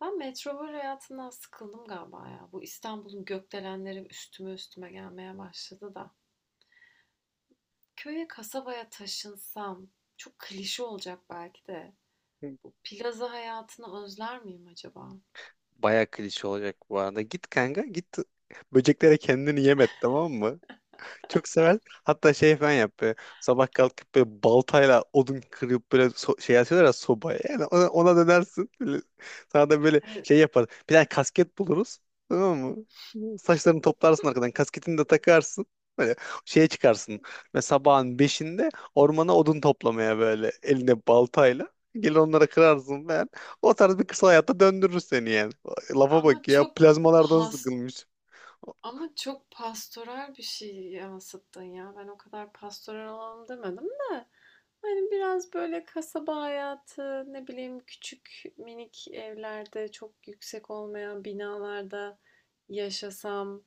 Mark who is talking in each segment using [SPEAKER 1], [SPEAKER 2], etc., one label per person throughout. [SPEAKER 1] Ben metropol hayatından sıkıldım galiba ya. Bu İstanbul'un gökdelenleri üstüme üstüme gelmeye başladı da. Köye, kasabaya taşınsam, çok klişe olacak belki de. Bu plaza hayatını özler miyim acaba?
[SPEAKER 2] Baya klişe olacak bu arada. Git kanka git, böceklere kendini yem et, tamam mı? Çok sever. Hatta şey falan yap böyle. Sabah kalkıp böyle baltayla odun kırıp böyle şey atıyorlar ya sobaya. Yani ona dönersin. Böyle. Sana da böyle
[SPEAKER 1] Hani
[SPEAKER 2] şey yapar. Bir tane kasket buluruz. Tamam mı? Saçlarını toplarsın arkadan. Kasketini de takarsın. Böyle şeye çıkarsın. Ve sabahın beşinde ormana odun toplamaya böyle elinde baltayla. Gelir onlara kırarsın falan. O tarz bir kısa hayatta döndürür seni yani. Lafa
[SPEAKER 1] ama
[SPEAKER 2] bak ya,
[SPEAKER 1] çok
[SPEAKER 2] plazmalardan
[SPEAKER 1] pas
[SPEAKER 2] sıkılmış.
[SPEAKER 1] ama çok pastoral bir şey yansıttın ya. Ben o kadar pastoral olalım demedim de. Hani, biraz, böyle, kasaba hayatı, ne bileyim, küçük, minik evlerde, çok yüksek olmayan binalarda yaşasam,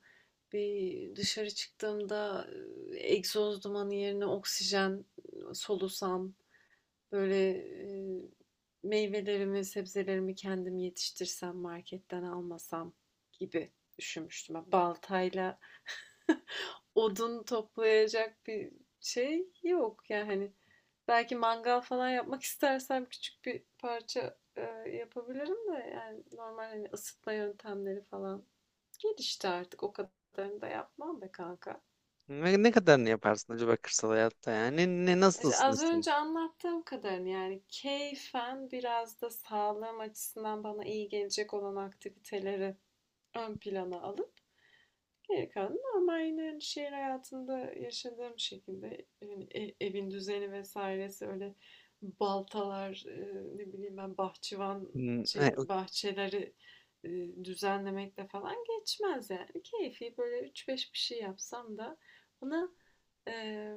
[SPEAKER 1] bir dışarı çıktığımda, egzoz dumanı yerine oksijen solusam, böyle, meyvelerimi, sebzelerimi kendim yetiştirsem, marketten almasam gibi düşünmüştüm. Baltayla odun toplayacak bir şey yok. Yani, hani, belki mangal falan yapmak istersem küçük bir parça yapabilirim de yani normal hani ısıtma yöntemleri falan gelişti artık. O kadarını da yapmam be kanka.
[SPEAKER 2] Ne kadarını yaparsın acaba kırsal hayatta yani? Nasıl
[SPEAKER 1] İşte az
[SPEAKER 2] ısınırsın?
[SPEAKER 1] önce anlattığım kadarını yani keyfen biraz da sağlığım açısından bana iyi gelecek olan aktiviteleri ön plana alıp geri kalan normal yine hani şehir hayatında yaşadığım şekilde yani evin düzeni vesairesi öyle baltalar ne bileyim ben bahçıvan
[SPEAKER 2] Hmm,
[SPEAKER 1] şey
[SPEAKER 2] e,
[SPEAKER 1] bahçeleri e, düzenlemekle falan geçmez yani. Keyfi böyle üç beş bir şey yapsam da bana e,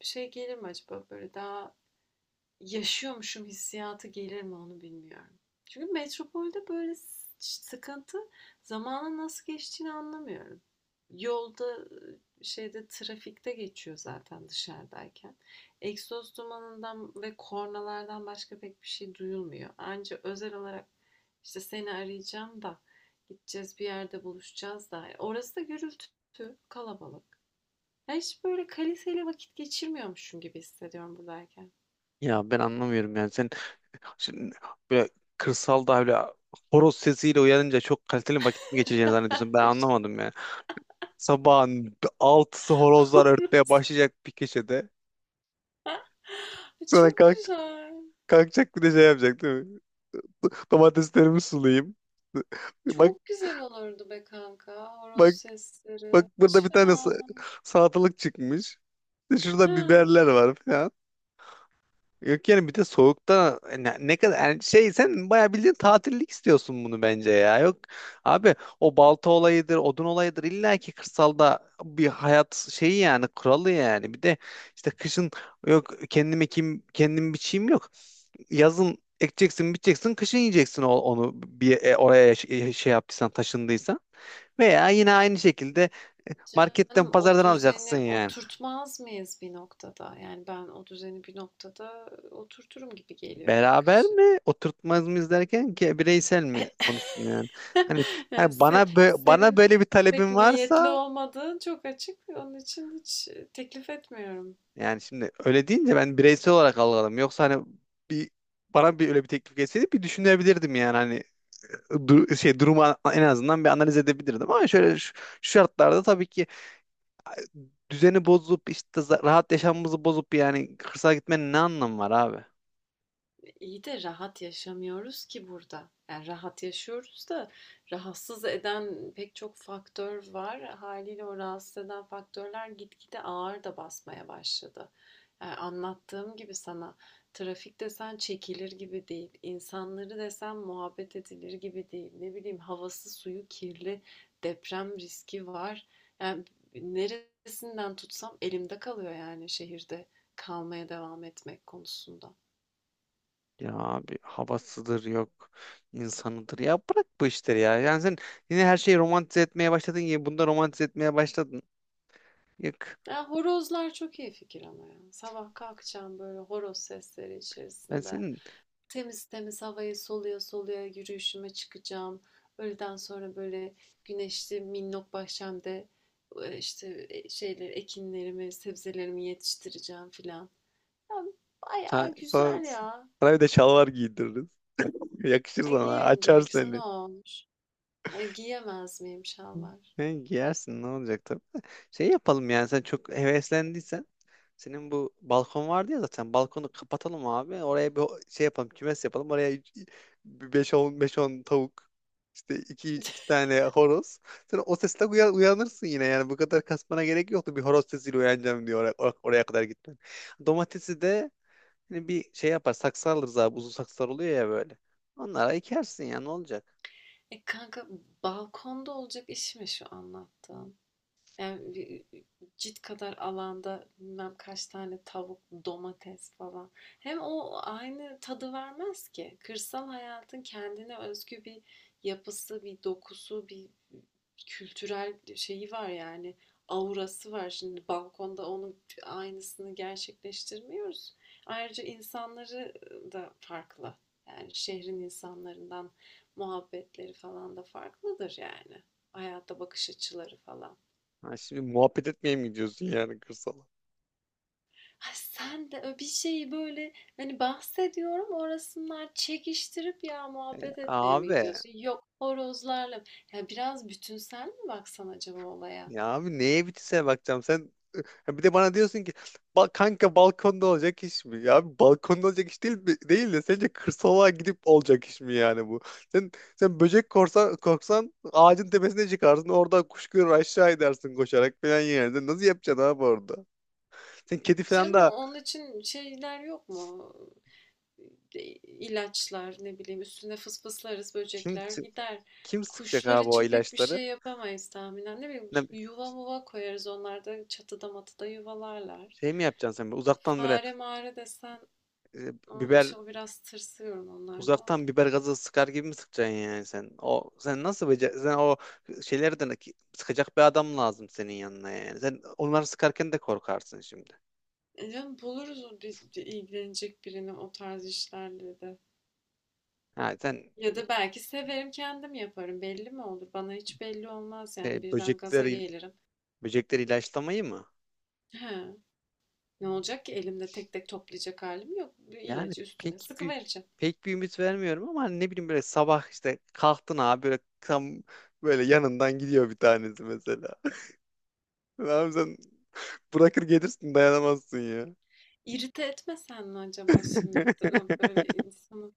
[SPEAKER 1] şey gelir mi acaba böyle daha yaşıyormuşum hissiyatı gelir mi onu bilmiyorum. Çünkü metropolde böyle sıkıntı zamanın nasıl geçtiğini anlamıyorum. Yolda şeyde trafikte geçiyor zaten dışarıdayken. Egzoz dumanından ve kornalardan başka pek bir şey duyulmuyor. Ancak özel olarak işte seni arayacağım da gideceğiz bir yerde buluşacağız da. Orası da gürültü, kalabalık. Ya hiç böyle kaliteli vakit geçirmiyormuşum gibi hissediyorum buradayken.
[SPEAKER 2] Ya ben anlamıyorum yani, sen şimdi böyle kırsalda böyle horoz sesiyle uyanınca çok kaliteli vakit mi geçireceğini zannediyorsun? Ben anlamadım yani. Sabahın altısı horozlar örtmeye
[SPEAKER 1] Hiç-
[SPEAKER 2] başlayacak bir köşede.
[SPEAKER 1] E,
[SPEAKER 2] Sonra
[SPEAKER 1] çok
[SPEAKER 2] kalk,
[SPEAKER 1] güzel.
[SPEAKER 2] kalkacak bir de şey yapacak değil mi? Domateslerimi sulayayım. Bak
[SPEAKER 1] Çok güzel olurdu be kanka. Horoz
[SPEAKER 2] bak bak,
[SPEAKER 1] sesleri.
[SPEAKER 2] burada
[SPEAKER 1] Hiç
[SPEAKER 2] bir tane
[SPEAKER 1] fena olmaz.
[SPEAKER 2] salatalık çıkmış. İşte
[SPEAKER 1] Ha.
[SPEAKER 2] Şurada biberler var falan. Yok yani, bir de soğukta ne kadar yani şey, sen bayağı bildiğin tatillik istiyorsun bunu bence ya. Yok abi, o balta olayıdır, odun olayıdır, illa ki kırsalda bir hayat şeyi yani kuralı yani. Bir de işte kışın yok kendim ekeyim, kendim biçeyim yok. Yazın ekeceksin, biçeceksin, kışın yiyeceksin onu bir oraya şey yaptıysan, taşındıysan. Veya yine aynı şekilde marketten,
[SPEAKER 1] Canım o
[SPEAKER 2] pazardan
[SPEAKER 1] düzeni
[SPEAKER 2] alacaksın yani.
[SPEAKER 1] oturtmaz mıyız bir noktada? Yani ben o düzeni bir noktada oturturum gibi geliyor yani
[SPEAKER 2] Beraber
[SPEAKER 1] kışın.
[SPEAKER 2] mi oturtmaz mı izlerken ki bireysel mi konuştun yani? Hani,
[SPEAKER 1] Yani
[SPEAKER 2] hani, bana bana
[SPEAKER 1] senin
[SPEAKER 2] böyle bir
[SPEAKER 1] pek
[SPEAKER 2] talebin
[SPEAKER 1] niyetli
[SPEAKER 2] varsa
[SPEAKER 1] olmadığın çok açık. Onun için hiç teklif etmiyorum.
[SPEAKER 2] yani şimdi öyle deyince ben bireysel olarak algıladım. Yoksa hani bir, bana bir öyle bir teklif gelseydi bir düşünebilirdim yani, hani şey durumu en azından bir analiz edebilirdim ama şöyle şu şartlarda tabii ki düzeni bozup işte rahat yaşamımızı bozup yani kırsala gitmenin ne anlamı var abi?
[SPEAKER 1] İyi de rahat yaşamıyoruz ki burada. Yani rahat yaşıyoruz da rahatsız eden pek çok faktör var. Haliyle o rahatsız eden faktörler gitgide ağır da basmaya başladı. Yani anlattığım gibi sana trafik desen çekilir gibi değil. İnsanları desen muhabbet edilir gibi değil. Ne bileyim havası suyu kirli, deprem riski var. Yani neresinden tutsam elimde kalıyor yani şehirde kalmaya devam etmek konusunda.
[SPEAKER 2] Ya abi, havasıdır yok, insanıdır ya, bırak bu işleri ya. Yani sen yine her şeyi romantize etmeye başladın ya, bunda romantize etmeye başladın. Yok,
[SPEAKER 1] Ya horozlar çok iyi fikir ama ya. Sabah kalkacağım böyle horoz sesleri
[SPEAKER 2] ben
[SPEAKER 1] içerisinde.
[SPEAKER 2] senin
[SPEAKER 1] Temiz temiz havayı soluya soluya yürüyüşüme çıkacağım. Öğleden sonra böyle güneşli minnok bahçemde işte şeyleri, ekinlerimi, sebzelerimi yetiştireceğim filan. Ya
[SPEAKER 2] ha,
[SPEAKER 1] bayağı
[SPEAKER 2] sana,
[SPEAKER 1] güzel ya.
[SPEAKER 2] sana bir de şalvar giydiririz. Yakışır
[SPEAKER 1] E,
[SPEAKER 2] sana,
[SPEAKER 1] giyerim
[SPEAKER 2] açar
[SPEAKER 1] gerekirse ne
[SPEAKER 2] seni.
[SPEAKER 1] olmuş? Hani giyemez miyim şalvar?
[SPEAKER 2] Sen giyersin, ne olacak tabii. Şey yapalım yani, sen çok heveslendiysen. Senin bu balkon vardı ya zaten. Balkonu kapatalım abi. Oraya bir şey yapalım. Kümes yapalım. Oraya beş on, beş on tavuk. İşte iki tane horoz. Sen o sesle uyanırsın yine yani. Bu kadar kasmana gerek yoktu. Bir horoz sesiyle uyanacağım diyor oraya, oraya kadar gitmen. Domatesi de hani bir şey yapar. Saksı alırız abi. Uzun saksılar oluyor ya böyle. Onlara ekersin ya, ne olacak?
[SPEAKER 1] E kanka, balkonda olacak iş mi şu anlattığın? Yani cilt kadar alanda bilmem kaç tane tavuk, domates falan. Hem o aynı tadı vermez ki. Kırsal hayatın kendine özgü bir yapısı, bir dokusu, bir ıı, kültürel şeyi var yani. Aurası var. Şimdi balkonda onun aynısını gerçekleştirmiyoruz. Ayrıca insanları da farklı. Yani şehrin insanlarından muhabbetleri falan da farklıdır yani. Hayata bakış açıları falan.
[SPEAKER 2] Ha, şimdi muhabbet etmeye mi gidiyorsun yani kırsala?
[SPEAKER 1] Ay sen de bir şeyi böyle hani bahsediyorum orasınlar çekiştirip ya
[SPEAKER 2] E,
[SPEAKER 1] muhabbet etmeye mi
[SPEAKER 2] abi
[SPEAKER 1] gidiyorsun? Yok horozlarla. Ya biraz bütünsel mi baksan acaba olaya?
[SPEAKER 2] ya abi, neye bitişe bakacağım? Sen Ha Bir de bana diyorsun ki, Kanka, balkonda olacak iş mi?" Ya abi, balkonda olacak iş değil de sence kırsala gidip olacak iş mi yani bu? Sen korksan, ağacın tepesine çıkarsın, oradan kuş görür aşağı edersin koşarak falan yani. Sen nasıl yapacaksın abi orada? Sen kedi falan
[SPEAKER 1] Canım
[SPEAKER 2] da
[SPEAKER 1] onun için şeyler yok mu? E, İlaçlar ne bileyim üstüne fısfıslarız
[SPEAKER 2] kim
[SPEAKER 1] böcekler gider.
[SPEAKER 2] kim sıkacak
[SPEAKER 1] Kuşlar
[SPEAKER 2] abi o
[SPEAKER 1] için pek bir
[SPEAKER 2] ilaçları?
[SPEAKER 1] şey yapamayız tahminen. Ne bileyim
[SPEAKER 2] Ne-
[SPEAKER 1] bir yuva muva koyarız onlar da çatıda matıda yuvalarlar.
[SPEAKER 2] Şey mi yapacaksın sen böyle uzaktan böyle
[SPEAKER 1] Fare mare desen o,
[SPEAKER 2] biber,
[SPEAKER 1] işte o biraz tırsıyorum onlardan
[SPEAKER 2] uzaktan
[SPEAKER 1] da.
[SPEAKER 2] biber gazı sıkar gibi mi sıkacaksın yani sen? O sen nasıl becer sen, o şeylerden sıkacak bir adam lazım senin yanına yani. Sen onları sıkarken de korkarsın şimdi.
[SPEAKER 1] E canım buluruz o ilgilenecek birini o tarz işlerle de.
[SPEAKER 2] Ha sen
[SPEAKER 1] Ya da belki severim kendim yaparım. Belli mi olur? Bana hiç belli olmaz yani birden gaza
[SPEAKER 2] böcekleri,
[SPEAKER 1] gelirim.
[SPEAKER 2] böcekleri ilaçlamayı mı?
[SPEAKER 1] He, ne olacak ki elimde tek tek toplayacak halim yok. Bir
[SPEAKER 2] Yani
[SPEAKER 1] ilacı üstüne
[SPEAKER 2] pek bir
[SPEAKER 1] sıkıvereceğim.
[SPEAKER 2] pek bir ümit vermiyorum ama hani ne bileyim böyle sabah işte kalktın abi, böyle tam böyle yanından gidiyor bir tanesi mesela. Abi sen bırakır gelirsin, dayanamazsın ya.
[SPEAKER 1] İrite etmesen mi acaba şimdi? Böyle insan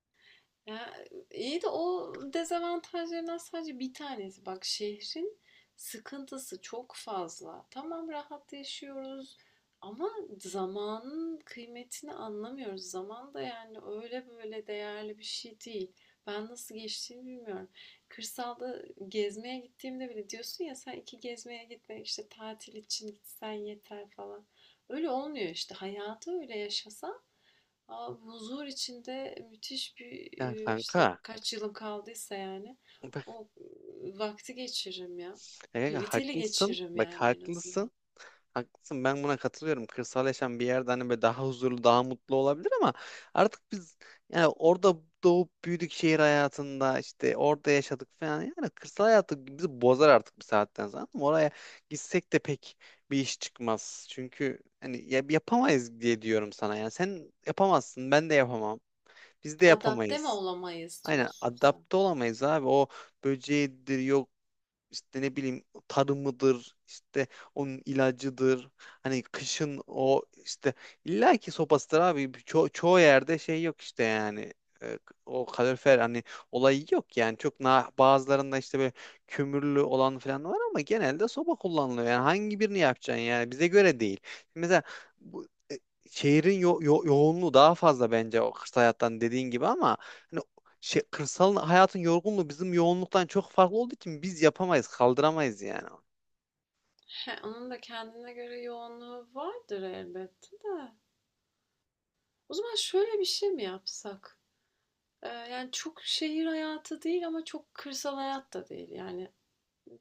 [SPEAKER 1] ya, iyi de o dezavantajlarından sadece bir tanesi. Bak şehrin sıkıntısı çok fazla. Tamam rahat yaşıyoruz ama zamanın kıymetini anlamıyoruz. Zaman da yani öyle böyle değerli bir şey değil. Ben nasıl geçtiğini bilmiyorum. Kırsalda gezmeye gittiğimde bile diyorsun ya sen iki gezmeye gitme işte tatil için gitsen yeter falan. Öyle olmuyor işte. Hayatı öyle yaşasa. Aa, huzur içinde müthiş bir
[SPEAKER 2] Ya
[SPEAKER 1] işte
[SPEAKER 2] kanka,
[SPEAKER 1] kaç yılım kaldıysa yani o vakti geçiririm ya. Kaliteli
[SPEAKER 2] Haklısın.
[SPEAKER 1] geçiririm
[SPEAKER 2] Bak
[SPEAKER 1] yani en
[SPEAKER 2] haklısın.
[SPEAKER 1] azından.
[SPEAKER 2] Haklısın. Ben buna katılıyorum. Kırsal yaşam bir yerde hani böyle daha huzurlu, daha mutlu olabilir ama artık biz yani orada doğup büyüdük, şehir hayatında işte orada yaşadık falan. Yani kırsal hayatı bizi bozar artık bir saatten sonra. Ama oraya gitsek de pek bir iş çıkmaz. Çünkü hani yapamayız diye diyorum sana. Yani sen yapamazsın, ben de yapamam. Biz de
[SPEAKER 1] Adapte mi
[SPEAKER 2] yapamayız.
[SPEAKER 1] olamayız
[SPEAKER 2] Aynen
[SPEAKER 1] diyorsun sen?
[SPEAKER 2] adapte olamayız abi. O böceğidir, yok işte ne bileyim tarımıdır, işte onun ilacıdır, hani kışın o işte illaki sopasıdır abi. Çoğu yerde şey yok işte yani. E, O kalorifer hani olayı yok yani, çok na bazılarında işte böyle kömürlü olan falan var ama genelde soba kullanılıyor yani, hangi birini yapacaksın yani bize göre değil mesela bu. e, Şehrin yoğunluğu daha fazla bence o kırsal hayattan, dediğin gibi ama hani şey, kırsal hayatın yorgunluğu bizim yoğunluktan çok farklı olduğu için biz yapamayız, kaldıramayız yani.
[SPEAKER 1] He, onun da kendine göre yoğunluğu vardır elbette de. O zaman şöyle bir şey mi yapsak? Yani çok şehir hayatı değil ama çok kırsal hayat da değil. Yani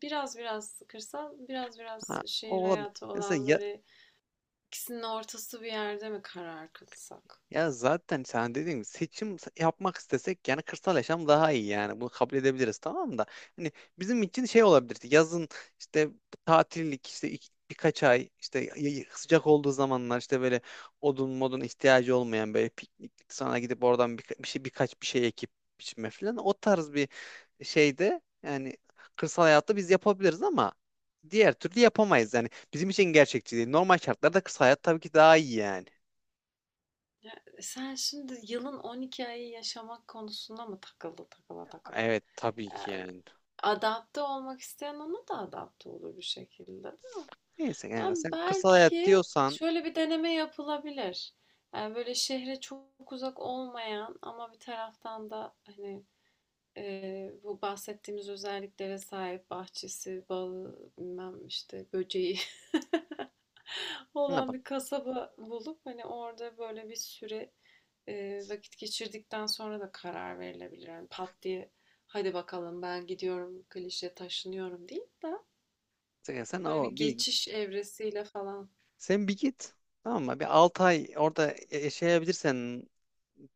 [SPEAKER 1] biraz biraz kırsal, biraz biraz
[SPEAKER 2] Ha, o
[SPEAKER 1] şehir
[SPEAKER 2] olabilir.
[SPEAKER 1] hayatı
[SPEAKER 2] Mesela
[SPEAKER 1] olan
[SPEAKER 2] ya-
[SPEAKER 1] böyle İkisinin ortası bir yerde mi karar kılsak?
[SPEAKER 2] Ya zaten sen dediğin gibi, seçim yapmak istesek yani kırsal yaşam daha iyi, yani bunu kabul edebiliriz tamam da hani bizim için şey olabilirdi yazın, işte tatillik, işte birkaç ay işte sıcak olduğu zamanlar işte böyle odun modun ihtiyacı olmayan böyle pikniklik, sonra gidip oradan birkaç bir şey ekip biçme falan, o tarz bir şeyde yani kırsal hayatta biz yapabiliriz ama diğer türlü yapamayız yani, bizim için gerçekçi değil. Normal şartlarda kırsal hayat tabii ki daha iyi yani.
[SPEAKER 1] E, sen şimdi yılın 12 ayı yaşamak konusunda mı takıldı takıla takıla?
[SPEAKER 2] Evet tabii ki yani.
[SPEAKER 1] Adapte olmak isteyen ona da adapte olur bir şekilde.
[SPEAKER 2] Neyse kanka,
[SPEAKER 1] Yani
[SPEAKER 2] sen kırsal hayat
[SPEAKER 1] belki
[SPEAKER 2] diyorsan
[SPEAKER 1] şöyle bir deneme yapılabilir. Yani böyle şehre çok uzak olmayan ama bir taraftan da hani bu bahsettiğimiz özelliklere sahip bahçesi, balı, bilmem işte böceği
[SPEAKER 2] ne
[SPEAKER 1] olan
[SPEAKER 2] bak
[SPEAKER 1] bir kasaba bulup hani orada böyle bir süre vakit geçirdikten sonra da karar verilebilir. Yani pat diye hadi bakalım ben gidiyorum klişe taşınıyorum değil de
[SPEAKER 2] sen, sen
[SPEAKER 1] böyle bir
[SPEAKER 2] o bir
[SPEAKER 1] geçiş evresiyle falan.
[SPEAKER 2] sen bir git, tamam mı? Bir 6 ay orada yaşayabilirsen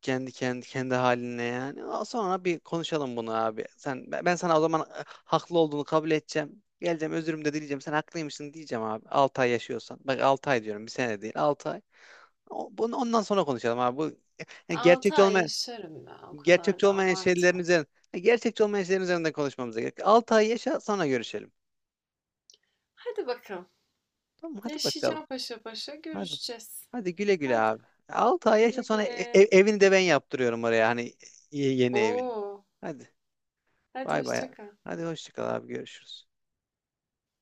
[SPEAKER 2] kendi haline yani. Sonra bir konuşalım bunu abi. Sen ben ben sana o zaman haklı olduğunu kabul edeceğim. Geleceğim, özürümü de dileyeceğim. Sen haklıymışsın diyeceğim abi. 6 ay yaşıyorsan. Bak 6 ay diyorum. Bir sene değil. 6 ay. Bunu ondan sonra konuşalım abi. Bu yani
[SPEAKER 1] 6
[SPEAKER 2] gerçekçi
[SPEAKER 1] ay
[SPEAKER 2] olmayan,
[SPEAKER 1] yaşarım ya o kadar
[SPEAKER 2] gerçekçi
[SPEAKER 1] da
[SPEAKER 2] olmayan şeylerin
[SPEAKER 1] abartma.
[SPEAKER 2] üzerine, gerçekçi olmayan şeylerin üzerinden konuşmamıza gerek. 6 ay yaşa sonra görüşelim.
[SPEAKER 1] Hadi bakalım.
[SPEAKER 2] Tamam hadi bakalım.
[SPEAKER 1] Yaşayacağım paşa paşa
[SPEAKER 2] Hadi.
[SPEAKER 1] görüşeceğiz.
[SPEAKER 2] Hadi güle güle
[SPEAKER 1] Hadi
[SPEAKER 2] abi. 6 ay yaşa
[SPEAKER 1] güle
[SPEAKER 2] sonra
[SPEAKER 1] güle.
[SPEAKER 2] evini de ben yaptırıyorum oraya, hani yeni evini.
[SPEAKER 1] Oo,
[SPEAKER 2] Hadi
[SPEAKER 1] hadi
[SPEAKER 2] bay bay.
[SPEAKER 1] hoşça kal.
[SPEAKER 2] Hadi hoşça kal abi, görüşürüz.